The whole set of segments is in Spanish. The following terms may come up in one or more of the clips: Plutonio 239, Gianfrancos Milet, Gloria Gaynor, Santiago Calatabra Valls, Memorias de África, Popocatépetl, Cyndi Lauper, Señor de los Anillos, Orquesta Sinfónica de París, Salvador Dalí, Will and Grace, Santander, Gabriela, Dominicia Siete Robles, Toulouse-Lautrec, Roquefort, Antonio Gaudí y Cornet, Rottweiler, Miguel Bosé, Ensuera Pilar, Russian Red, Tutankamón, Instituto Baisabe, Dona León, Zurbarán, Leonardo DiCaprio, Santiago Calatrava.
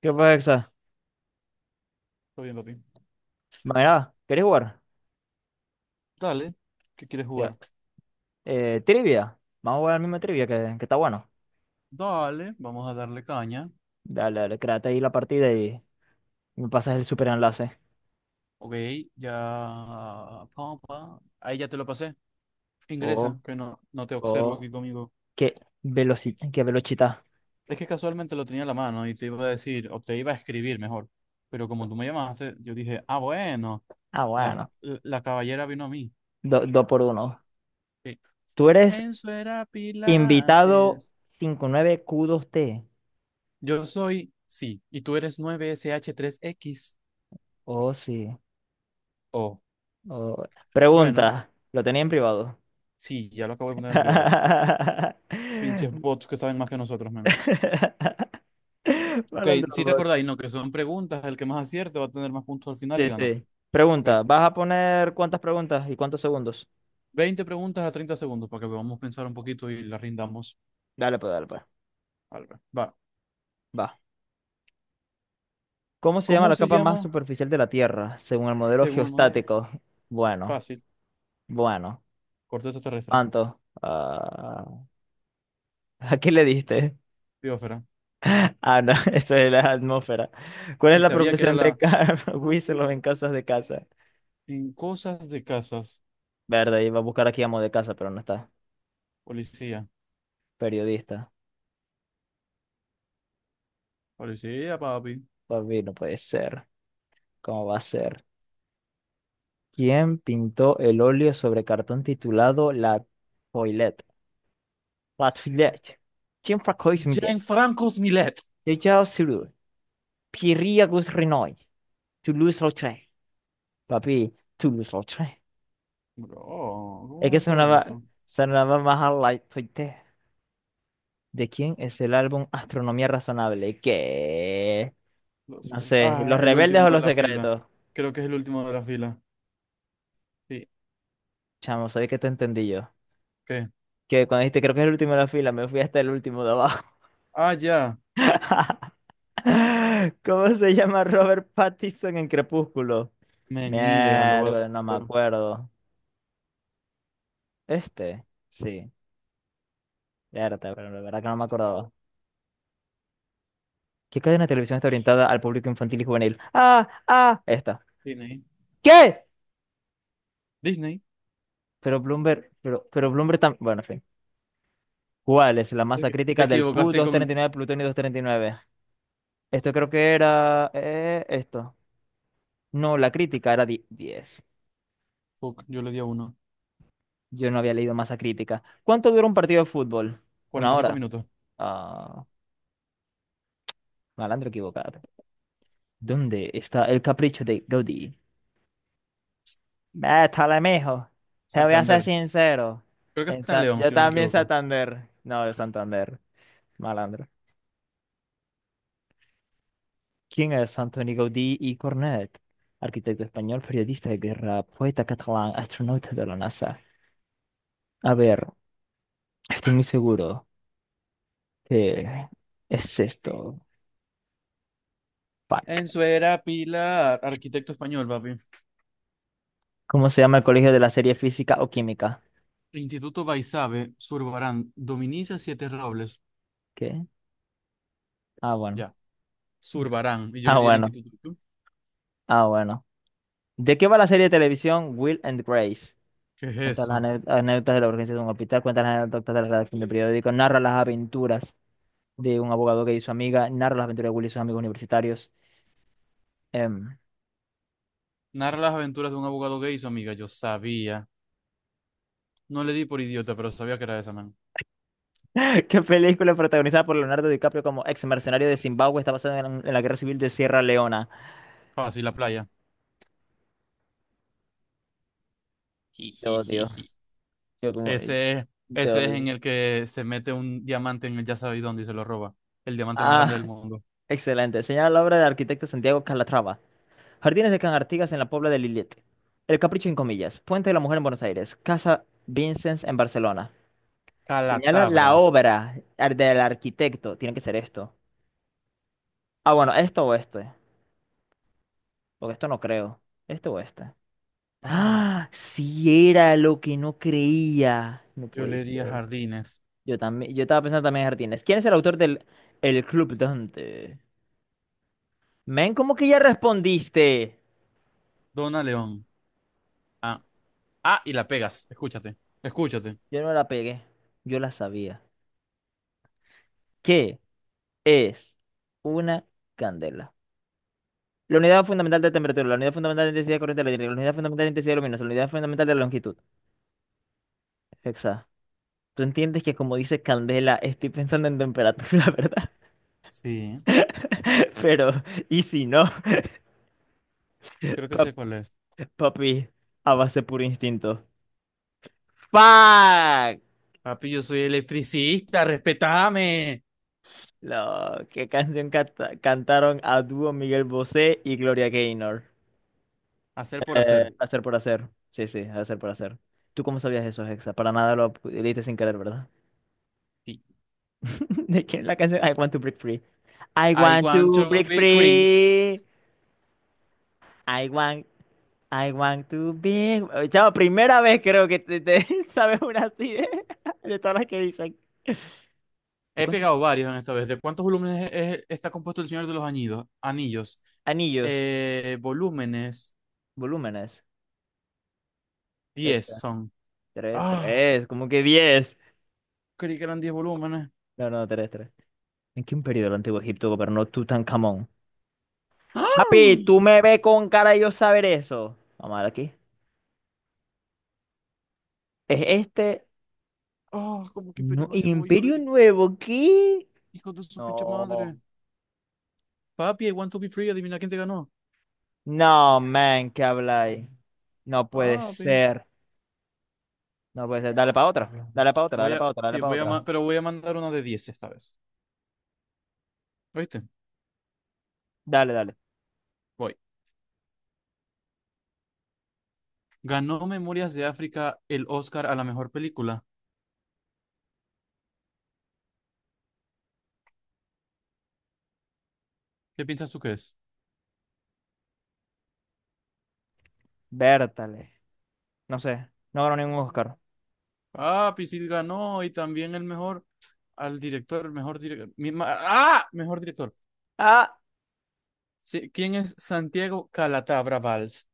¿Qué pasa? Exa? Todo bien, papi. Mira, ¿querés jugar? Dale, ¿qué quieres Ya. jugar? Trivia. Vamos a jugar la misma trivia que está bueno. Dale, vamos a darle caña. Dale, dale, créate ahí la partida y me pasas el super enlace. Ok, ya. Pa, pa. Ahí ya te lo pasé. Oh, Ingresa, que no, no te observo oh, aquí conmigo. qué velocidad, qué velocidad. Es que casualmente lo tenía en la mano y te iba a decir, o te iba a escribir mejor. Pero como tú me llamaste, yo dije, ah, bueno, Ah, la, bueno. la, la caballera vino a mí. Dos por uno. Sí. Tú eres Enzo era invitado Pilates. 59 q dos t. Yo soy, sí, y tú eres 9 sh tres x. Oh, sí. Oh, Oh. bueno, Pregunta. Lo tenía en privado. sí, ya lo acabo de poner en privado. Pinches bots que saben más que nosotros, man. Ok, Malandro si te bot. acordáis, ¿no? Que son preguntas, el que más acierte va a tener más puntos al final y Sí, gana. sí. Ok, Pregunta, ¿vas a poner cuántas preguntas y cuántos segundos? 20 preguntas a 30 segundos para que podamos pensar un poquito y la rindamos. Dale, pues, dale, pues. Al ver. Va. Va. ¿Cómo se llama ¿Cómo la se capa más llama, superficial de la Tierra, según el modelo según el modelo? geostático? Bueno, Fácil, bueno. corteza terrestre, ¿Cuánto? Ah, ¿a qué le diste? biosfera. Ah, no, eso es la atmósfera. ¿Cuál es Y la sabía que era proporción de la Carl en casas de casa? en cosas de casas, Verde, iba a buscar aquí amo de casa, pero no está. policía. Periodista. Policía, papi. Papi, no puede ser. ¿Cómo va a ser? ¿Quién pintó el óleo sobre cartón titulado La Toilette? Латвилять. Чем покой земле? Gianfrancos Milet. Летел сюда. Пирия гус реной. Тулуз-Лаутрек. Papi, Toulouse-Lautrec. Bro, Es ¿cómo que vas a saber sonaba, eso? sonaba más a Light Toite. ¿De quién es el álbum Astronomía Razonable? ¿Qué? No sé, Ah, ¿Los el Rebeldes último o de Los la fila. Secretos? Creo que es el último de la fila. Sí, Chamo, ¿sabes qué te entendí yo? ¿qué? Que cuando dijiste creo que es el último de la fila, me fui hasta el último de abajo. Ah, ya. ¿Cómo se llama Robert Pattinson en Crepúsculo? Men, ni idea, lo voy a Mierda, no me dar. acuerdo. Este, sí. Verdad, pero la verdad que no me acordaba. ¿Qué cadena de televisión está orientada al público infantil y juvenil? Ah, ah, esta. Disney. ¿Qué? Disney. Pero Bloomberg, pero Bloomberg también. Bueno, en fin. ¿Cuál es la Es masa que te crítica del equivocaste con. PU-239, Plutonio 239? Esto creo que era, esto. No, la crítica era 10. Fuck, yo le di a uno. Yo no había leído masa crítica. ¿Cuánto dura un partido de fútbol? ¿Una 45 hora? minutos. Ah, malandro equivocado. ¿Dónde está el capricho de Gaudí? Métale, mijo. Te voy a ser Santander. sincero. Creo que En está en Sa- León, yo si no me también equivoco. Santander. No, de Santander. Malandro. ¿Quién es Antonio Gaudí y Cornet? Arquitecto español, periodista de guerra, poeta catalán, astronauta de la NASA. A ver, estoy muy seguro que es esto. Fuck. Ensuera Pilar, arquitecto español, papi. ¿Cómo se llama el colegio de la serie física o química? Instituto Baisabe, Zurbarán. Dominicia Siete Robles. ¿Qué? Ah, bueno. Ya. Zurbarán. Y yo le Ah, di el bueno. instituto. ¿Tú? Ah, bueno. ¿De qué va la serie de televisión Will and Grace? ¿Qué es Cuenta las eso? Anécdotas de la urgencia de un hospital, cuenta las anécdotas de la redacción del periódico, narra las aventuras de un abogado que y su amiga, narra las aventuras de Will y sus amigos universitarios. Em, Narra las aventuras de un abogado gay y su amiga. Yo sabía. No le di por idiota, pero sabía que era esa, man. ¿Qué película protagonizada por Leonardo DiCaprio como ex mercenario de Zimbabue está basada en la guerra civil de Sierra Leona? Fácil, la playa. Te odio. Jijijiji. Yo como, Ese, te ese es en odio. el que se mete un diamante en el ya sabéis dónde y se lo roba. El diamante más grande Ah, del mundo. excelente. Señala la obra del arquitecto Santiago Calatrava. Jardines de Can Artigas en la Puebla de Lillet. El Capricho en comillas. Puente de la Mujer en Buenos Aires. Casa Vincennes en Barcelona. Señala la Calatabra. obra del arquitecto. Tiene que ser esto. Ah, bueno, esto o este. Porque esto no creo. Este o este. Ah, Ah, sí era lo que no creía. No yo puede le diría ser. jardines. Yo también, yo estaba pensando también en jardines. ¿Quién es el autor del El Club Dante? Men, ¿cómo que ya respondiste? Dona León. Ah, ah, y la pegas. Escúchate. Escúchate. Yo no la pegué. Yo la sabía. ¿Qué es una candela? La unidad fundamental de temperatura, la unidad fundamental de intensidad de corriente eléctrica, la unidad fundamental de intensidad luminosa, la unidad fundamental de longitud. Hexágono. Tú entiendes que como dice Candela, estoy pensando en temperatura, ¿verdad? Sí, Pero, ¿y si no? creo que sé Pap- cuál es. Papi, a base puro instinto. ¡Fuck! Papi, yo soy electricista, respetame. ¿Qué canción cantaron a dúo Miguel Bosé y Gloria Gaynor? Hacer por hacer. Hacer por hacer. Sí, sí, hacer por hacer. ¿Tú cómo sabías eso, Hexa? Para nada lo leíste sin querer, ¿verdad? Sí. ¿De quién es la canción? I want to break free. I I want want to to break be queen. free. I want I want to be. Chavo, primera vez creo que te sabes una así de, de todas las que dicen. ¿De He cuántos pegado varios en esta vez. ¿De cuántos volúmenes está compuesto el Señor de los Anillos? anillos? Anillos. Volúmenes Volúmenes. 10 Esta. son. Tres, Ah, tres, como que 10. creí que eran 10 volúmenes. No, no, tres, tres. ¿En qué imperio del Antiguo Egipto gobernó Tutankamón? ¡Ah! Papi, tú me ves con cara de yo saber eso. Vamos a ver aquí. ¿Es este? Ah, como que Imperio No, Nuevo, hijo, ¿Imperio Nuevo? ¿Qué? hijo de su pinche No. madre. Papi, I want to be free, adivina quién te ganó. No, man, ¿qué habláis? No puede Papi. ser. No puede ser. Dale para otra. Dale para otra, dale para otra, dale Sí, para otra. Pero voy a mandar una de 10 esta vez. ¿Oíste? Dale, dale. Voy. Ganó Memorias de África el Oscar a la mejor película. ¿Qué piensas tú que es? Bértale. No sé. No ganó ningún Oscar. Papi, sí ganó y también el mejor, al director, el mejor director. ¡Ah! Mejor director. Ah, Sí, ¿quién es Santiago Calatabra Valls?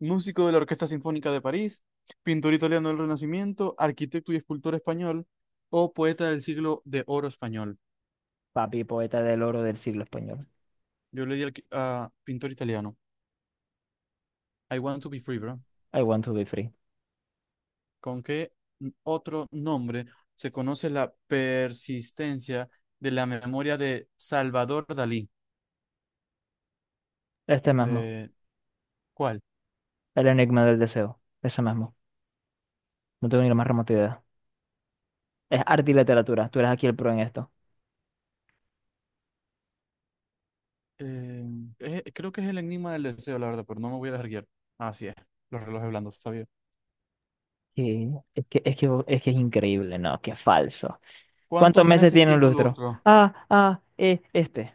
Músico de la Orquesta Sinfónica de París, pintor italiano del Renacimiento, arquitecto y escultor español, o poeta del siglo de oro español. papi, poeta del oro del siglo español. Yo le di al a pintor italiano. I want to be free, bro. I want to be free. ¿Con qué otro nombre se conoce la persistencia de la memoria de Salvador Dalí? Este mismo. Eh, ¿Cuál? El enigma del deseo. Ese mismo. No tengo ni la más remota idea. Es arte y literatura. Tú eres aquí el pro en esto. Eh, Creo que es el enigma del deseo, la verdad, pero no me voy a dejar guiar. Así es, los relojes blandos, sabía. Sí, es que es increíble, ¿no? Qué falso. ¿Cuántos ¿Cuántos meses meses tiene un tiene un lustro? lustro? Ah, ah, este.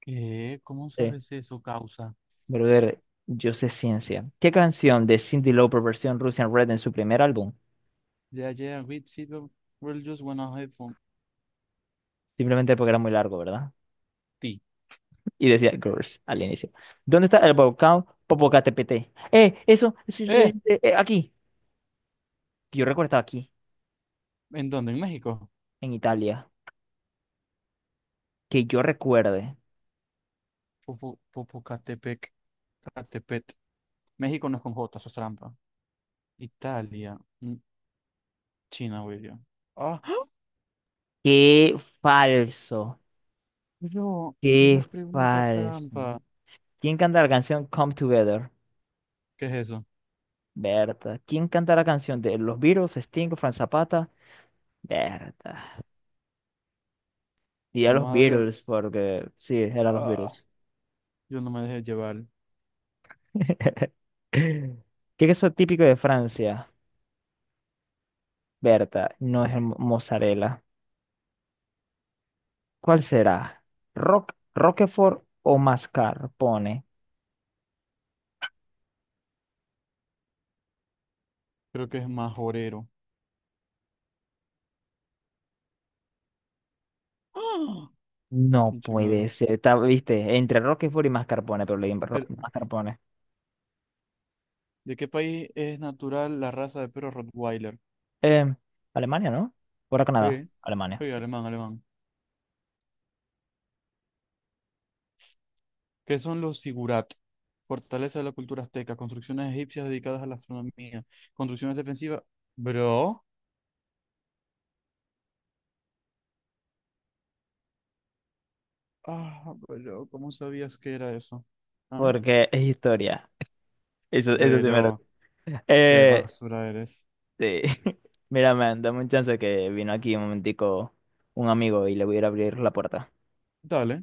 ¿Qué? ¿Cómo Eh, sabes eso, causa? brother, yo sé ciencia. ¿Qué canción de Cyndi Lauper versión Russian Red en su primer álbum? Yeah, yeah, we see the we'll just wanna have fun. Simplemente porque era muy largo, ¿verdad? Ti. Y decía girls al inicio. ¿Dónde está el volcán Popocatépetl? Eso, eso, yo Eh, aquí. Yo recuerdo estaba aquí, ¿En dónde? En México. en Italia. Que yo recuerde. Popocatepec, Catepet. México no es con J, eso es trampa. Italia, China, William. Ah, ¡ah! Qué falso. Pero era Qué pregunta falso. trampa. ¿Quién canta la canción Come Together? ¿Qué es eso? Berta. ¿Quién canta la canción de los Beatles, Sting, Frank Zapata? Berta. Y a los Vamos a darle al. Beatles, porque sí, eran los Ah, Beatles. yo no me dejé llevar. ¿Qué es eso típico de Francia? Berta, no es el mozzarella. ¿Cuál será? ¿Rock, Roquefort o mascarpone? Creo que es majorero. Ah, No pinche madre. puede ser. Está, viste, entre Roquefort y mascarpone, pero le di El- mascarpone. ¿De qué país es natural la raza de perro Rottweiler? Em, Alemania, ¿no? ¿Fuera Canadá? Sí, Alemania, sí, sí. alemán, alemán. ¿Qué son los sigurat? Fortaleza de la cultura azteca, construcciones egipcias dedicadas a la astronomía, construcciones defensivas. Bro, ah, bro, ¿cómo sabías que era eso? ¿Ah? Porque es historia. Eso sí me lo... Pero, qué Eh, basura eres. sí. Mira, man, dame un chance que vino aquí un momentico un amigo y le voy a ir a abrir la puerta. Dale.